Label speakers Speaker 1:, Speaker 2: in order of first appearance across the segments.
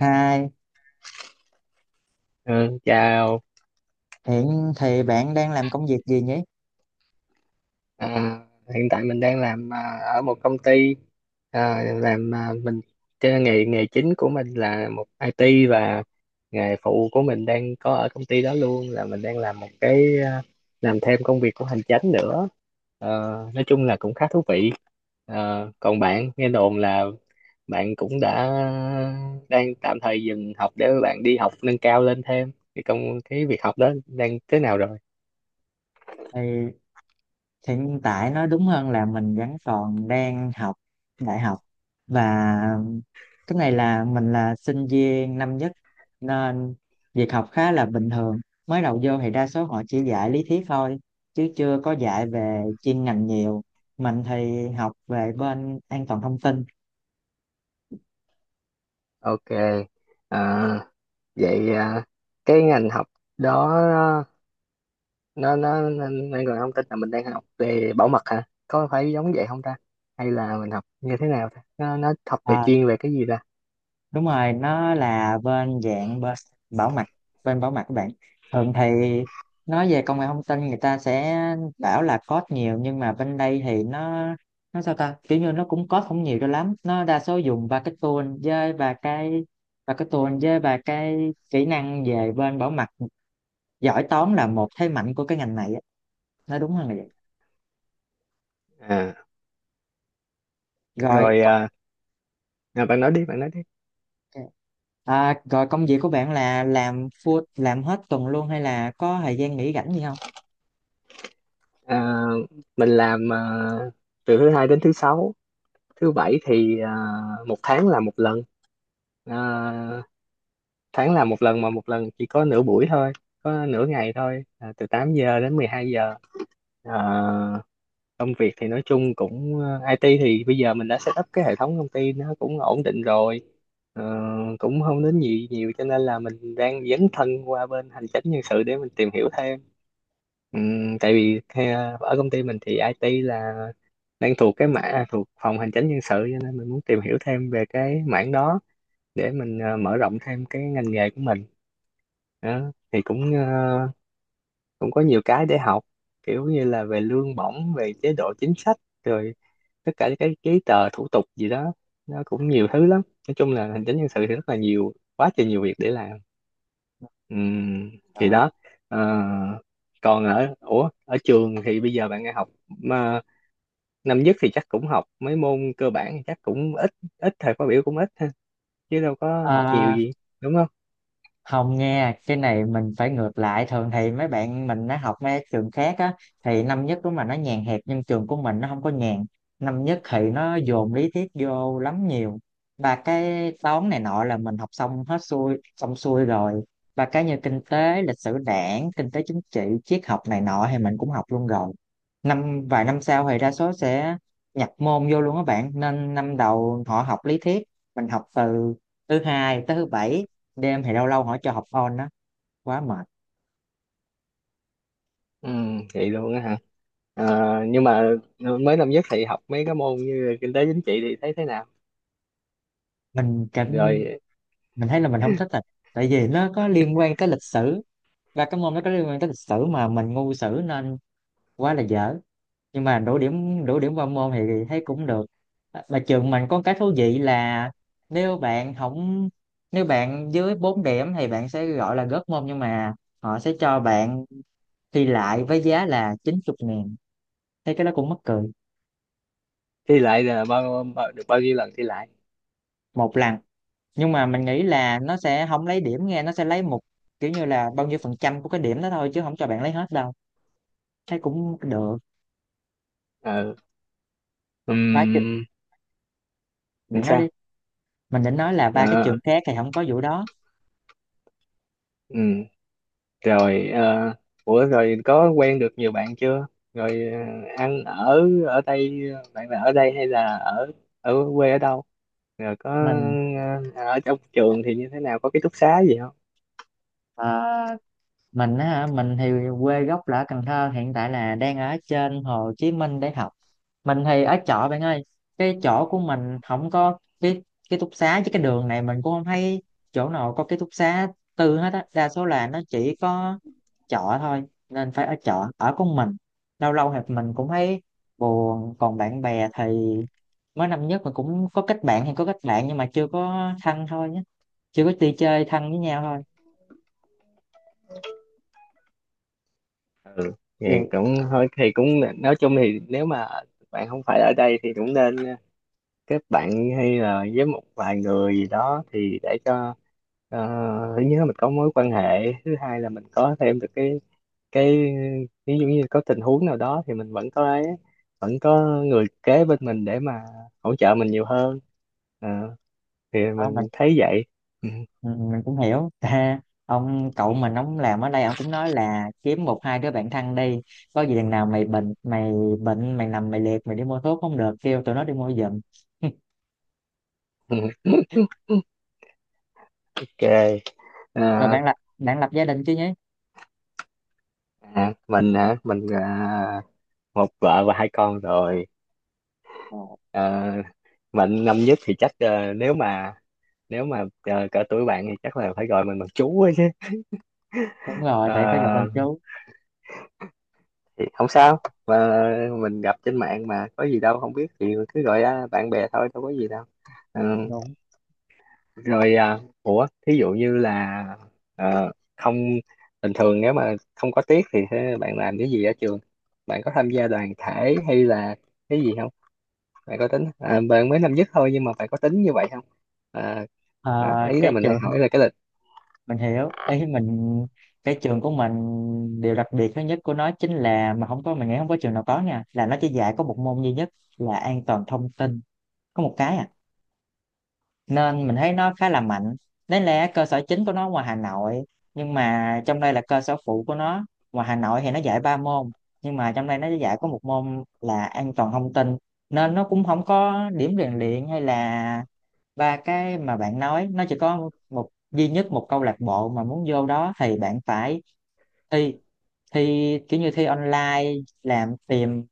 Speaker 1: Hai,
Speaker 2: Ừ, chào.
Speaker 1: hiện thì bạn đang làm công việc gì nhỉ?
Speaker 2: à, Hiện tại mình đang làm ở một công ty. À, làm à, mình Cái nghề nghề chính của mình là một IT, và nghề phụ của mình đang có ở công ty đó luôn là mình đang làm một cái, làm thêm công việc của hành chánh nữa. Ờ, nói chung là cũng khá thú vị. Còn bạn, nghe đồn là bạn cũng đã đang tạm thời dừng học để bạn đi học nâng cao lên thêm, cái công cái việc học đó đang thế nào rồi?
Speaker 1: Thì hiện tại nói đúng hơn là mình vẫn còn đang học đại học, và cái này là mình là sinh viên năm nhất nên việc học khá là bình thường. Mới đầu vô thì đa số họ chỉ dạy lý thuyết thôi chứ chưa có dạy về chuyên ngành nhiều. Mình thì học về bên an toàn thông tin.
Speaker 2: Ok. À, vậy à, cái ngành học đó nó còn thông tin là mình đang học về bảo mật hả, có phải giống vậy không ta? Hay là mình học như thế nào ta, nó học về
Speaker 1: À,
Speaker 2: chuyên về cái gì ta?
Speaker 1: Đúng rồi, nó là bên dạng bảo mật. Bên bảo mật các bạn, thường thì nói về công nghệ thông tin người ta sẽ bảo là code nhiều, nhưng mà bên đây thì nó sao ta, kiểu như nó cũng code không nhiều cho lắm, nó đa số dùng ba cái tool với và cái tool với và cái kỹ năng về bên bảo mật. Giỏi toán là một thế mạnh của cái ngành này á, nói đúng hơn là vậy.
Speaker 2: À
Speaker 1: Rồi,
Speaker 2: rồi.
Speaker 1: ok.
Speaker 2: À, Bạn nói đi, bạn nói đi.
Speaker 1: Rồi công việc của bạn là làm full, làm hết tuần luôn hay là có thời gian nghỉ rảnh gì không?
Speaker 2: à, mình làm từ thứ hai đến thứ sáu. Thứ bảy thì một tháng là một lần. à, Tháng là một lần mà một lần chỉ có nửa buổi thôi, có nửa ngày thôi, từ 8 giờ đến 12 giờ. à, Công việc thì nói chung cũng IT thì bây giờ mình đã set up cái hệ thống công ty, nó cũng ổn định rồi. Ờ, Cũng không đến nhiều nhiều cho nên là mình đang dấn thân qua bên hành chính nhân sự để mình tìm hiểu thêm. Tại vì ở công ty mình thì IT là đang thuộc cái mã, thuộc phòng hành chính nhân sự, cho nên mình muốn tìm hiểu thêm về cái mảng đó để mình mở rộng thêm cái ngành nghề của mình. Đó, thì cũng cũng có nhiều cái để học, kiểu như là về lương bổng, về chế độ chính sách, rồi tất cả những cái giấy tờ thủ tục gì đó, nó cũng nhiều thứ lắm. Nói chung là hành chính nhân sự thì rất là nhiều, quá trời nhiều việc để làm. Ừm, thì đó. Ờ, Còn ở, ủa ở trường thì bây giờ bạn nghe học mà năm nhất thì chắc cũng học mấy môn cơ bản, thì chắc cũng ít, ít thời khóa biểu cũng ít ha, chứ đâu có học nhiều
Speaker 1: Rồi.
Speaker 2: gì, đúng không?
Speaker 1: Không, nghe cái này mình phải ngược lại. Thường thì mấy bạn mình nó học mấy trường khác á thì năm nhất đúng là nó nhàn hẹp, nhưng trường của mình nó không có nhàn. Năm nhất thì nó dồn lý thuyết vô lắm nhiều, và cái toán này nọ là mình học xong hết xuôi xong xuôi rồi, và cái như kinh tế, lịch sử đảng, kinh tế chính trị, triết học này nọ thì mình cũng học luôn rồi. Năm vài năm sau thì đa số sẽ nhập môn vô luôn các bạn, nên năm đầu họ học lý thuyết. Mình học từ thứ hai tới thứ bảy, đêm thì lâu lâu họ cho học on đó, quá mệt.
Speaker 2: Ừ, vậy luôn á hả? À, nhưng mà mới năm nhất thì học mấy cái môn như kinh tế chính trị thì thấy thế nào?
Speaker 1: mình cảm
Speaker 2: Rồi,
Speaker 1: mình thấy là mình không thích thật, tại vì nó có liên quan tới lịch sử, và cái môn nó có liên quan tới lịch sử mà mình ngu sử nên quá là dở. Nhưng mà đủ điểm, đủ điểm qua môn thì thấy cũng được. À, mà trường mình có cái thú vị là nếu bạn không nếu bạn dưới 4 điểm thì bạn sẽ gọi là gớt môn, nhưng mà họ sẽ cho bạn thi lại với giá là 90.000, thấy cái đó cũng mắc cười.
Speaker 2: thi lại là bao được bao nhiêu lần thi lại?
Speaker 1: Một lần, nhưng mà mình nghĩ là nó sẽ không lấy điểm nghe, nó sẽ lấy một kiểu như là bao nhiêu phần trăm của cái điểm đó thôi chứ không cho bạn lấy hết đâu, thấy cũng được.
Speaker 2: Ờ,
Speaker 1: ba chữ-
Speaker 2: ừm, làm
Speaker 1: Bạn nói
Speaker 2: sao?
Speaker 1: đi. Mình định nói là ba cái
Speaker 2: Ờ,
Speaker 1: trường khác thì không có vụ đó.
Speaker 2: ừm, rồi ủa rồi có quen được nhiều bạn chưa? Rồi ăn ở, ở đây bạn là ở đây hay là ở, ở quê ở đâu? Rồi có
Speaker 1: mình
Speaker 2: ờ, ở trong trường thì như thế nào? Có ký túc xá gì.
Speaker 1: ờ, mình á hả, mình thì quê gốc là ở Cần Thơ, hiện tại là đang ở trên Hồ Chí Minh để học. Mình thì ở chợ bạn ơi, cái chỗ của mình không có cái ký túc xá, chứ cái đường này mình cũng không thấy chỗ nào có ký túc xá tư hết á, đa số là nó chỉ có chợ thôi nên phải ở chợ ở con. Mình lâu lâu thì mình cũng thấy buồn. Còn bạn bè thì mới năm nhất mình cũng có kết bạn, nhưng mà chưa có thân thôi nhé, chưa có đi chơi thân với nhau thôi.
Speaker 2: Ừ, thì cũng, thôi thì cũng, nói chung thì nếu mà bạn không phải ở đây thì cũng nên kết bạn, hay là với một vài người gì đó, thì để cho ờ, thứ nhất là mình có mối quan hệ, thứ hai là mình có thêm được cái ví dụ như có tình huống nào đó thì mình vẫn có ấy, vẫn có người kế bên mình để mà hỗ trợ mình nhiều hơn. Ờ, thì
Speaker 1: Vậy.
Speaker 2: mình thấy vậy. Ừ,
Speaker 1: Ừ, mình cũng hiểu ha. Ông cậu mình, ông làm ở đây, ông cũng nói là kiếm một hai đứa bạn thân đi, có gì đằng nào mày bệnh, mày nằm mày liệt mày đi mua thuốc không được, kêu tụi nó đi mua giùm.
Speaker 2: ok.
Speaker 1: Rồi
Speaker 2: Ờ,
Speaker 1: bạn lập gia đình chứ nhé.
Speaker 2: mình hả, mình một vợ và hai con rồi.
Speaker 1: Ờ,
Speaker 2: Ờ, Mạnh năm nhất thì chắc nếu mà, nếu mà cỡ tuổi bạn thì chắc là phải gọi mình bằng chú ấy chứ.
Speaker 1: đúng rồi, tại phải gặp anh
Speaker 2: Ờ,
Speaker 1: chú.
Speaker 2: thì không sao, mà mình gặp trên mạng mà, có gì đâu, không biết thì cứ gọi bạn bè thôi, đâu có gì đâu. Ờ,
Speaker 1: Đúng.
Speaker 2: Rồi ủa thí dụ như là không, bình thường nếu mà không có tiết thì thế bạn làm cái gì ở trường? Bạn có tham gia đoàn thể hay là cái gì không? Bạn có tính, bạn mới năm nhất thôi nhưng mà bạn có tính như vậy không? Ờ,
Speaker 1: Ờ,
Speaker 2: Đó, ý là
Speaker 1: cái
Speaker 2: mình hay
Speaker 1: trường
Speaker 2: hỏi là cái lịch.
Speaker 1: mình hiểu ý mình. Cái trường của mình, điều đặc biệt thứ nhất của nó chính là, mà không có, mình nghĩ không có trường nào có nha, là nó chỉ dạy có một môn duy nhất là an toàn thông tin. Có một cái à, nên mình thấy nó khá là mạnh. Đấy là cơ sở chính của nó ngoài Hà Nội, nhưng mà trong đây là cơ sở phụ của nó. Ngoài Hà Nội thì nó dạy ba môn, nhưng mà trong đây nó dạy có một môn là an toàn thông tin. Nên nó cũng không có điểm rèn luyện hay là ba cái mà bạn nói, nó chỉ có một duy nhất một câu lạc bộ. Mà muốn vô đó thì bạn phải thi, thi kiểu như thi online, làm tìm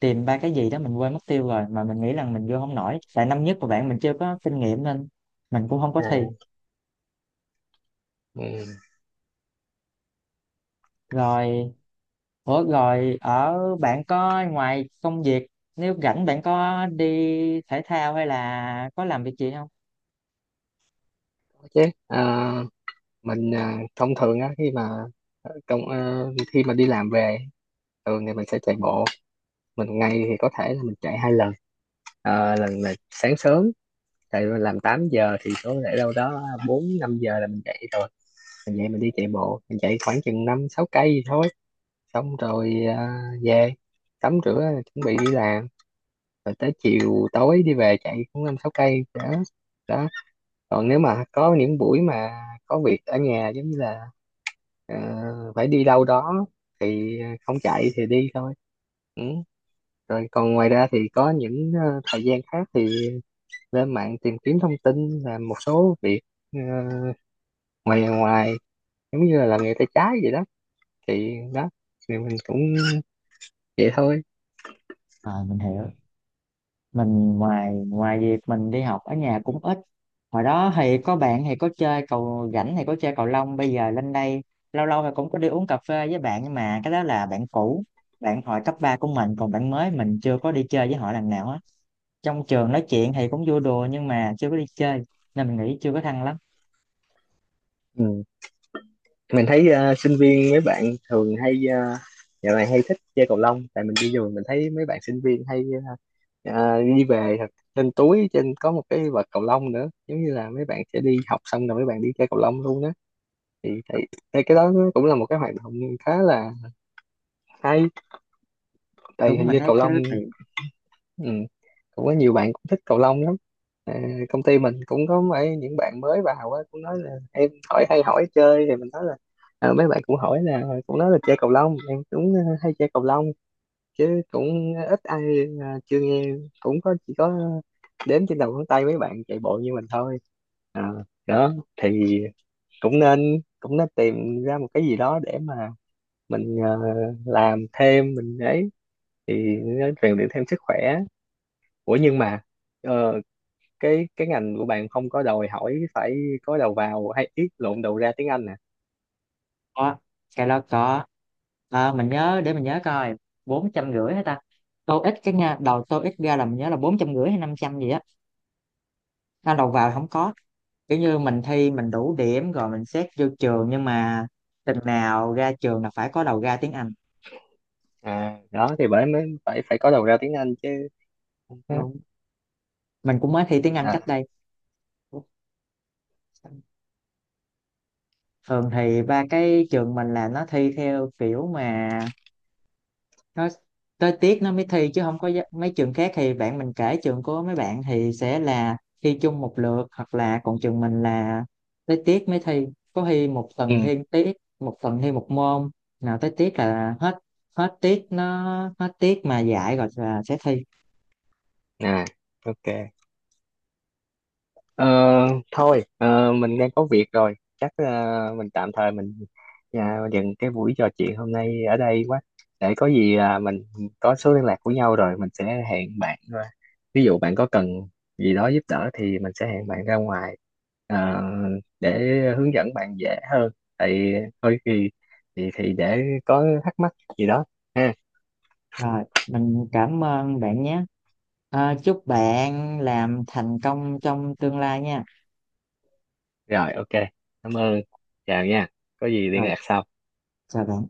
Speaker 1: tìm ba cái gì đó, mình quên mất tiêu rồi. Mà mình nghĩ rằng mình vô không nổi, tại năm nhất của bạn mình chưa có kinh nghiệm nên mình cũng không có thi.
Speaker 2: À, ừ.
Speaker 1: Rồi. Ủa rồi ở bạn có, ngoài công việc, nếu rảnh bạn có đi thể thao hay là có làm việc gì không?
Speaker 2: Chứ à, mình thông thường á, khi mà ờ, công à, khi mà đi làm về thường thì mình sẽ chạy bộ. Mình ngày thì có thể là mình chạy hai lần. Lần là sáng sớm, chạy làm 8 giờ thì có thể đâu đó 4 5 giờ là mình chạy rồi. Mình dậy mình đi chạy bộ, mình chạy khoảng chừng 5 6 cây gì thôi. Xong rồi về tắm rửa, chuẩn bị đi làm. Rồi tới chiều tối đi về chạy cũng 5 6 cây đó. Đó, còn nếu mà có những buổi mà có việc ở nhà, giống như là ờ, phải đi đâu đó, thì không chạy thì đi thôi. Ừ, rồi còn ngoài ra thì có những thời gian khác thì lên mạng tìm kiếm thông tin, làm một số việc ờ, ngoài ngoài, giống như là làm nghề tay trái vậy đó. Thì đó, thì mình cũng vậy thôi.
Speaker 1: À mình hiểu. Mình ngoài ngoài việc mình đi học, ở nhà cũng ít. Hồi đó thì có bạn thì có chơi cầu, rảnh thì có chơi cầu lông, bây giờ lên đây lâu lâu thì cũng có đi uống cà phê với bạn, nhưng mà cái đó là bạn cũ, bạn hồi cấp 3 của mình. Còn bạn mới mình chưa có đi chơi với họ lần nào á. Trong trường nói chuyện thì cũng vui đùa nhưng mà chưa có đi chơi, nên mình nghĩ chưa có thân lắm.
Speaker 2: Ừ, mình thấy sinh viên mấy bạn thường hay dạo này hay thích chơi cầu lông. Tại mình đi rồi mình thấy mấy bạn sinh viên hay đi về, trên túi trên có một cái vợt cầu lông nữa, giống như là mấy bạn sẽ đi học xong rồi mấy bạn đi chơi cầu lông luôn đó. Thì thấy, thấy cái đó nó cũng là một cái hoạt động khá là hay. Tại
Speaker 1: Đúng,
Speaker 2: hình
Speaker 1: mình
Speaker 2: như
Speaker 1: thấy
Speaker 2: cầu
Speaker 1: cái đó
Speaker 2: lông,
Speaker 1: tiện.
Speaker 2: ừ, cũng có nhiều bạn cũng thích cầu lông lắm. À, công ty mình cũng có mấy những bạn mới vào á, cũng nói là em hỏi hay hỏi chơi thì mình nói là, à, mấy bạn cũng hỏi là, cũng nói là chơi cầu lông, em cũng hay chơi cầu lông. Chứ cũng ít ai, chưa nghe, cũng có, chỉ có đếm trên đầu ngón tay mấy bạn chạy bộ như mình thôi. à, Đó, thì cũng nên tìm ra một cái gì đó để mà mình làm thêm mình ấy, thì nó rèn luyện thêm sức khỏe. Ủa nhưng mà ờ, cái ngành của bạn không có đòi hỏi phải có đầu vào, hay ít, lộn, đầu ra tiếng Anh nè?
Speaker 1: Có, cái đó có. Ờ, mình nhớ để mình nhớ coi, 450 hả ta? Tô ít cái nha, đầu tô ít ra là mình nhớ là 450 hay 500 gì á. Nó đầu vào không có, kiểu như mình thi mình đủ điểm rồi mình xét vô trường, nhưng mà tình nào ra trường là phải có đầu ra tiếng Anh,
Speaker 2: À đó, thì bởi mới phải, phải có đầu ra tiếng Anh chứ.
Speaker 1: đúng không? Mình cũng mới thi tiếng Anh
Speaker 2: À,
Speaker 1: cách đây. Thường thì ba cái trường mình là nó thi theo kiểu mà nó tới tiết nó mới thi, chứ không có mấy trường khác thì bạn mình kể trường của mấy bạn thì sẽ là thi chung một lượt, hoặc là, còn trường mình là tới tiết mới thi. Có thi một
Speaker 2: ừ,
Speaker 1: tuần thi một tiết, một tuần thi một môn, nào tới tiết là hết, hết tiết nó, hết tiết mà dạy rồi là sẽ thi.
Speaker 2: à, ok. Ờ, Thôi mình đang có việc rồi, chắc mình tạm thời mình dừng cái buổi trò chuyện hôm nay ở đây quá. Để có gì mình có số liên lạc của nhau rồi mình sẽ hẹn bạn ra. Ví dụ bạn có cần gì đó giúp đỡ thì mình sẽ hẹn bạn ra ngoài ờ, để hướng dẫn bạn dễ hơn. Thì thôi thì, thì để có thắc mắc gì đó ha.
Speaker 1: Rồi mình cảm ơn bạn nhé. À, chúc bạn làm thành công trong tương lai nha.
Speaker 2: Rồi ok, cảm ơn, chào nha, có gì liên
Speaker 1: Rồi,
Speaker 2: lạc sau.
Speaker 1: chào bạn.